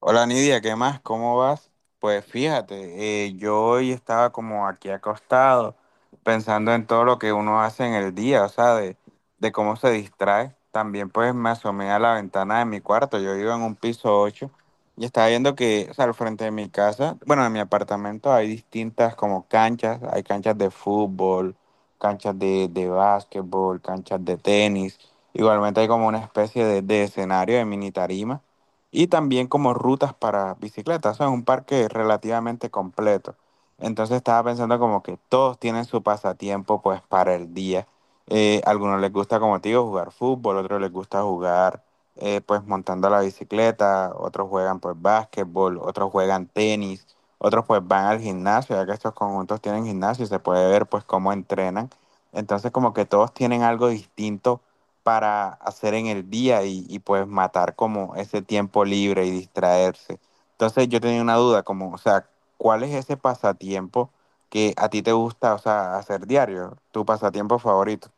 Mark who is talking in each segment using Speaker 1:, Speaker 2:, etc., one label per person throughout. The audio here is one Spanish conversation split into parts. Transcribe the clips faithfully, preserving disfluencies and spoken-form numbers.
Speaker 1: Hola, Nidia, ¿qué más? ¿Cómo vas? Pues fíjate, eh, yo hoy estaba como aquí acostado pensando en todo lo que uno hace en el día, o sea, de, de cómo se distrae. También pues me asomé a la ventana de mi cuarto, yo vivo en un piso ocho y estaba viendo que, o sea, al frente de mi casa, bueno, de mi apartamento hay distintas como canchas, hay canchas de fútbol, canchas de, de básquetbol, canchas de tenis, igualmente hay como una especie de, de escenario de mini tarima y también como rutas para bicicletas. O sea, es un parque relativamente completo. Entonces estaba pensando como que todos tienen su pasatiempo pues para el día. Eh, algunos les gusta, como te digo, jugar fútbol, otros les gusta jugar eh, pues montando la bicicleta, otros juegan pues básquetbol, otros juegan tenis, otros pues van al gimnasio, ya que estos conjuntos tienen gimnasio y se puede ver pues cómo entrenan. Entonces como que todos tienen algo distinto para hacer en el día y, y, pues matar como ese tiempo libre y distraerse. Entonces yo tenía una duda, como, o sea, ¿cuál es ese pasatiempo que a ti te gusta, o sea, hacer diario? Tu pasatiempo favorito.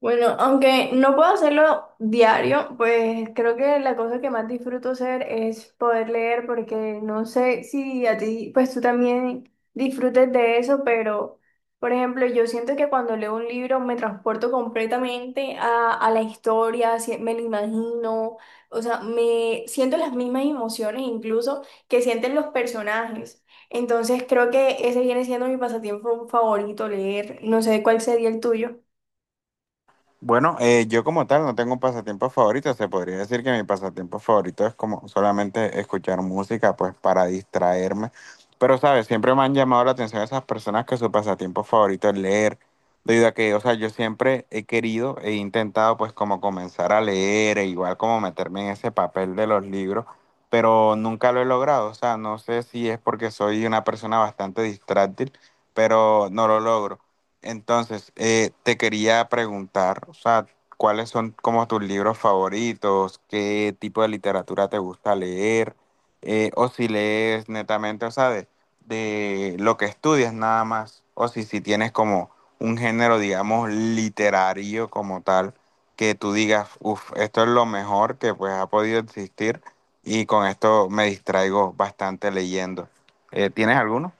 Speaker 2: Bueno, aunque no puedo hacerlo diario, pues creo que la cosa que más disfruto hacer es poder leer, porque no sé si a ti, pues tú también disfrutes de eso, pero por ejemplo, yo siento que cuando leo un libro me transporto completamente a, a la historia, si- me lo imagino, o sea, me siento las mismas emociones incluso que sienten los personajes. Entonces creo que ese viene siendo mi pasatiempo favorito, leer. No sé cuál sería el tuyo.
Speaker 1: Bueno, eh, yo como tal no tengo un pasatiempo favorito. Se podría decir que mi pasatiempo favorito es como solamente escuchar música, pues para distraerme. Pero, ¿sabes? Siempre me han llamado la atención esas personas que su pasatiempo favorito es leer. Debido a que, o sea, yo siempre he querido, he intentado pues como comenzar a leer e igual como meterme en ese papel de los libros, pero nunca lo he logrado. O sea, no sé si es porque soy una persona bastante distráctil, pero no lo logro. Entonces, eh, te quería preguntar, o sea, ¿cuáles son como tus libros favoritos? ¿Qué tipo de literatura te gusta leer? Eh, o si lees netamente, o sea, de, de lo que estudias nada más, o si, si tienes como un género, digamos, literario como tal, que tú digas, uff, esto es lo mejor que pues ha podido existir y con esto me distraigo bastante leyendo. Eh, ¿tienes alguno?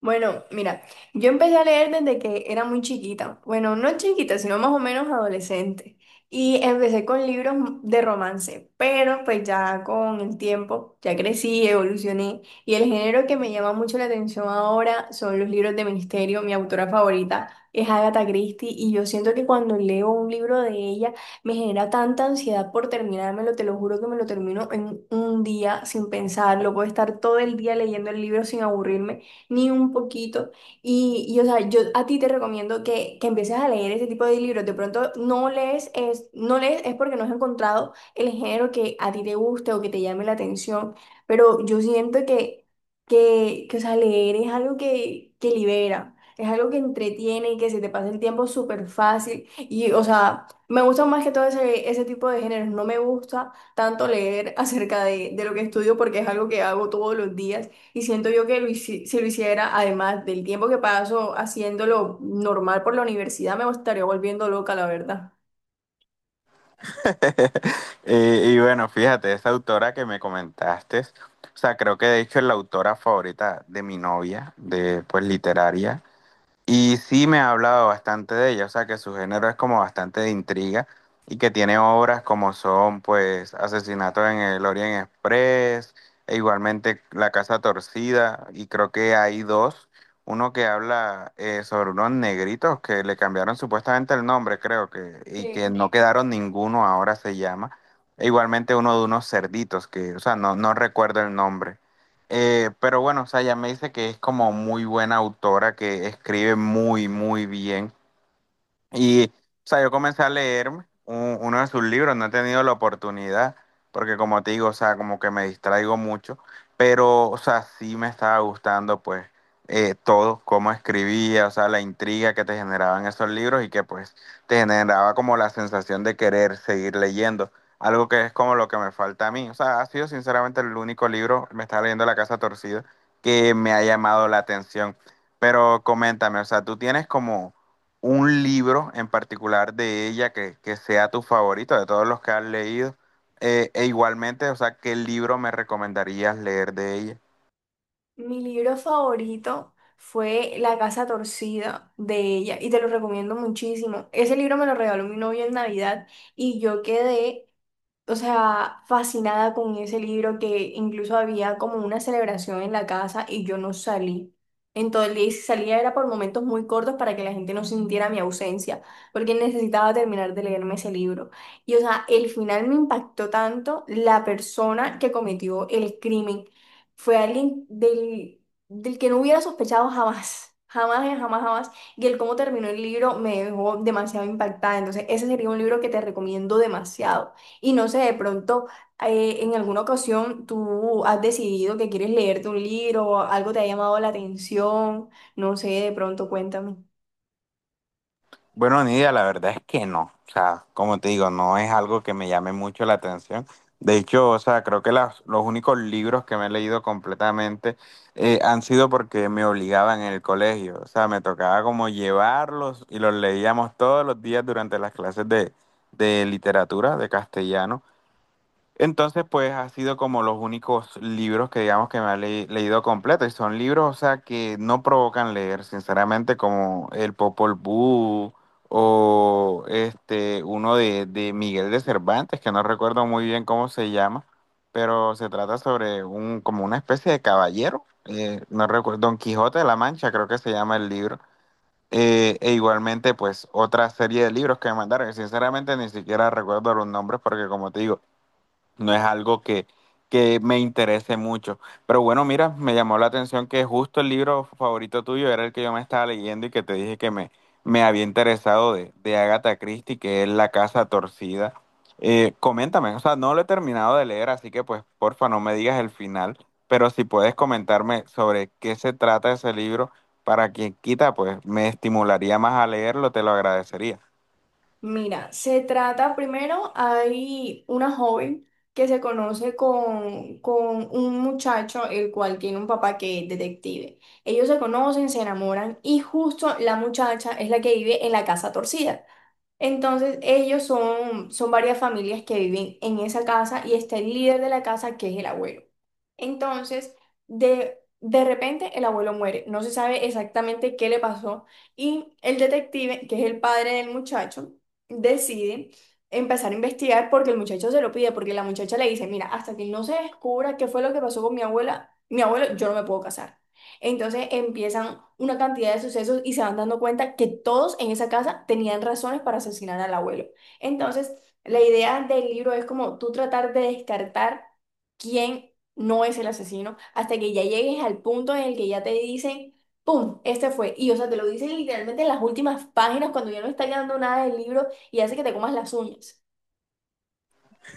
Speaker 2: Bueno, mira, yo empecé a leer desde que era muy chiquita. Bueno, no chiquita, sino más o menos adolescente. Y empecé con libros de romance, pero pues ya con el tiempo, ya crecí, evolucioné. Y el género que me llama mucho la atención ahora son los libros de misterio. Mi autora favorita es Agatha Christie y yo siento que cuando leo un libro de ella me genera tanta ansiedad por terminármelo, te lo juro que me lo termino en un día sin pensarlo. Puedo estar todo el día leyendo el libro sin aburrirme ni un poquito. Y, y, o sea, yo a ti te recomiendo que, que empieces a leer ese tipo de libros. De pronto no lees, es, no lees es porque no has encontrado el género que a ti te guste o que te llame la atención, pero yo siento que, que, que o sea, leer es algo que, que libera. Es algo que entretiene y que se te pasa el tiempo súper fácil. Y, o sea, me gusta más que todo ese, ese tipo de géneros. No me gusta tanto leer acerca de, de lo que estudio porque es algo que hago todos los días. Y siento yo que lo hici- si lo hiciera, además del tiempo que paso haciéndolo normal por la universidad, me estaría volviendo loca, la verdad.
Speaker 1: Y, y bueno, fíjate, esa autora que me comentaste, o sea, creo que de hecho es la autora favorita de mi novia, de pues literaria. Y sí me ha hablado bastante de ella, o sea que su género es como bastante de intriga y que tiene obras como son pues Asesinato en el Orient Express e igualmente La Casa Torcida y creo que hay dos, uno que habla eh, sobre unos negritos que le cambiaron supuestamente el nombre creo que y que
Speaker 2: Sí.
Speaker 1: no quedaron ninguno ahora se llama e igualmente uno de unos cerditos que, o sea, no, no recuerdo el nombre. Eh, pero bueno, o sea, ella me dice que es como muy buena autora, que escribe muy, muy bien. Y, o sea, yo comencé a leerme un- uno de sus libros, no he tenido la oportunidad, porque como te digo, o sea, como que me distraigo mucho, pero, o sea, sí me estaba gustando, pues, eh, todo, cómo escribía, o sea, la intriga que te generaban esos libros y que, pues, te generaba como la sensación de querer seguir leyendo, algo que es como lo que me falta a mí. O sea, ha sido sinceramente el único libro, me estaba leyendo La Casa Torcida, que me ha llamado la atención. Pero coméntame, o sea, tú tienes como un libro en particular de ella que, que sea tu favorito de todos los que has leído. Eh, e igualmente, o sea, ¿qué libro me recomendarías leer de ella?
Speaker 2: Mi libro favorito fue La casa torcida de ella y te lo recomiendo muchísimo. Ese libro me lo regaló mi novia en Navidad y yo quedé o sea, fascinada con ese libro que incluso había como una celebración en la casa y yo no salí. En todo el día, y si salía era por momentos muy cortos para que la gente no sintiera mi ausencia, porque necesitaba terminar de leerme ese libro. Y o sea, el final me impactó tanto, la persona que cometió el crimen fue alguien del, del que no hubiera sospechado jamás, jamás, eh, jamás, jamás. Y el cómo terminó el libro me dejó demasiado impactada. Entonces, ese sería un libro que te recomiendo demasiado. Y no sé, de pronto, eh, en alguna ocasión tú has decidido que quieres leerte un libro, algo te ha llamado la atención, no sé, de pronto cuéntame.
Speaker 1: Bueno, Nidia, la verdad es que no. O sea, como te digo, no es algo que me llame mucho la atención. De hecho, o sea, creo que las- los únicos libros que me he leído completamente eh, han sido porque me obligaban en el colegio. O sea, me tocaba como llevarlos y los leíamos todos los días durante las clases de, de literatura, de castellano. Entonces, pues ha sido como los únicos libros que digamos que me ha le- leído completo. Y son libros, o sea, que no provocan leer, sinceramente, como El Popol Vuh o este, uno de, de Miguel de Cervantes, que no recuerdo muy bien cómo se llama, pero se trata sobre un, como una especie de caballero. Eh, no recuerdo, Don Quijote de la Mancha, creo que se llama el libro. Eh, e igualmente, pues, otra serie de libros que me mandaron, que sinceramente ni siquiera recuerdo los nombres, porque como te digo, no es algo que, que me interese mucho. Pero bueno, mira, me llamó la atención que justo el libro favorito tuyo era el que yo me estaba leyendo y que te dije que me, me había interesado de, de Agatha Christie, que es La Casa Torcida. Eh, coméntame, o sea, no lo he terminado de leer, así que pues porfa no me digas el final, pero si puedes comentarme sobre qué se trata ese libro, para quien quita, pues me estimularía más a leerlo, te lo agradecería.
Speaker 2: Mira, se trata primero, hay una joven que se conoce con, con un muchacho, el cual tiene un papá que es detective. Ellos se conocen, se enamoran y justo la muchacha es la que vive en la casa torcida. Entonces, ellos son, son varias familias que viven en esa casa y está el líder de la casa, que es el abuelo. Entonces, de, de repente el abuelo muere, no se sabe exactamente qué le pasó y el detective, que es el padre del muchacho, decide empezar a investigar porque el muchacho se lo pide, porque la muchacha le dice, mira, hasta que no se descubra qué fue lo que pasó con mi abuela, mi abuelo, yo no me puedo casar. Entonces empiezan una cantidad de sucesos y se van dando cuenta que todos en esa casa tenían razones para asesinar al abuelo. Entonces, la idea del libro es como tú tratar de descartar quién no es el asesino, hasta que ya llegues al punto en el que ya te dicen, ¡pum! Este fue. Y o sea, te lo dicen literalmente en las últimas páginas cuando ya no está quedando nada del libro y hace que te comas las uñas.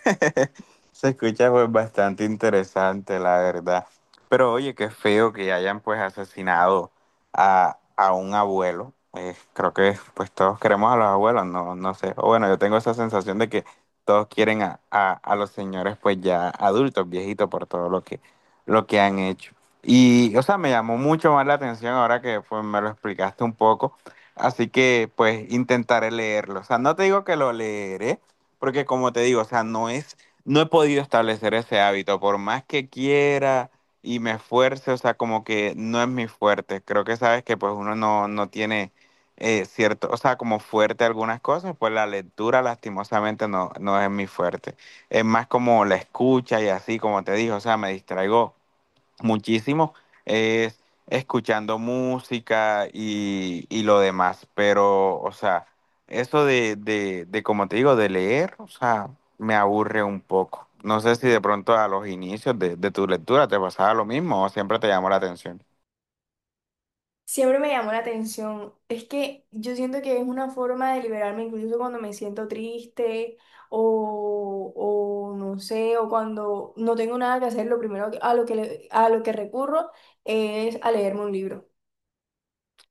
Speaker 1: Se escucha pues bastante interesante, la verdad. Pero oye, qué feo que hayan pues asesinado a, a un abuelo. Eh, creo que pues todos queremos a los abuelos, no, no sé. O bueno, yo tengo esa sensación de que todos quieren a, a- a los señores pues ya adultos, viejitos, por todo lo que, lo que han hecho. Y, o sea, me llamó mucho más la atención ahora que pues me lo explicaste un poco. Así que pues intentaré leerlo. O sea, no te digo que lo leeré, porque como te digo, o sea, no es no he podido establecer ese hábito, por más que quiera y me esfuerce, o sea, como que no es mi fuerte. Creo que sabes que pues uno no, no tiene eh, cierto, o sea, como fuerte algunas cosas, pues la lectura lastimosamente no, no es mi fuerte. Es más como la escucha y así, como te dije, o sea, me distraigo muchísimo es escuchando música y, y lo demás, pero, o sea, eso de, de, de, como te digo, de leer, o sea, me aburre un poco. No sé si de pronto a los inicios de, de tu lectura te pasaba lo mismo o siempre te llamó la atención.
Speaker 2: Siempre me llamó la atención. Es que yo siento que es una forma de liberarme, incluso cuando me siento triste o, o no sé, o cuando no tengo nada que hacer, lo primero que- a lo que, le- a lo que recurro es a leerme un libro.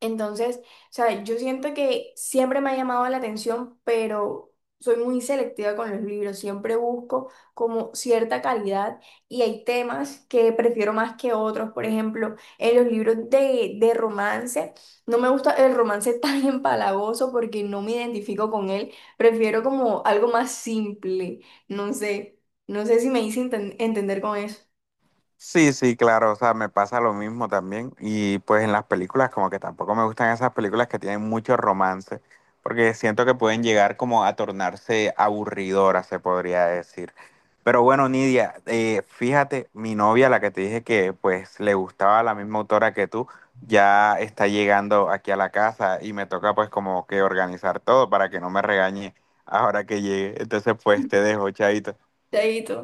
Speaker 2: Entonces, o sea, yo siento que siempre me ha llamado la atención, pero soy muy selectiva con los libros. Siempre busco como cierta calidad y hay temas que prefiero más que otros. Por ejemplo, en los libros de, de romance, no me gusta el romance tan empalagoso porque no me identifico con él. Prefiero como algo más simple. No sé, no sé si me hice enten- entender con eso.
Speaker 1: Sí, sí, claro, o sea, me pasa lo mismo también. Y pues en las películas como que tampoco me gustan esas películas que tienen mucho romance, porque siento que pueden llegar como a tornarse aburridoras, se podría decir. Pero bueno, Nidia, eh, fíjate, mi novia, la que te dije que pues le gustaba la misma autora que tú, ya está llegando aquí a la casa y me toca pues como que organizar todo para que no me regañe ahora que llegue. Entonces pues te dejo, chaito.
Speaker 2: Chaito.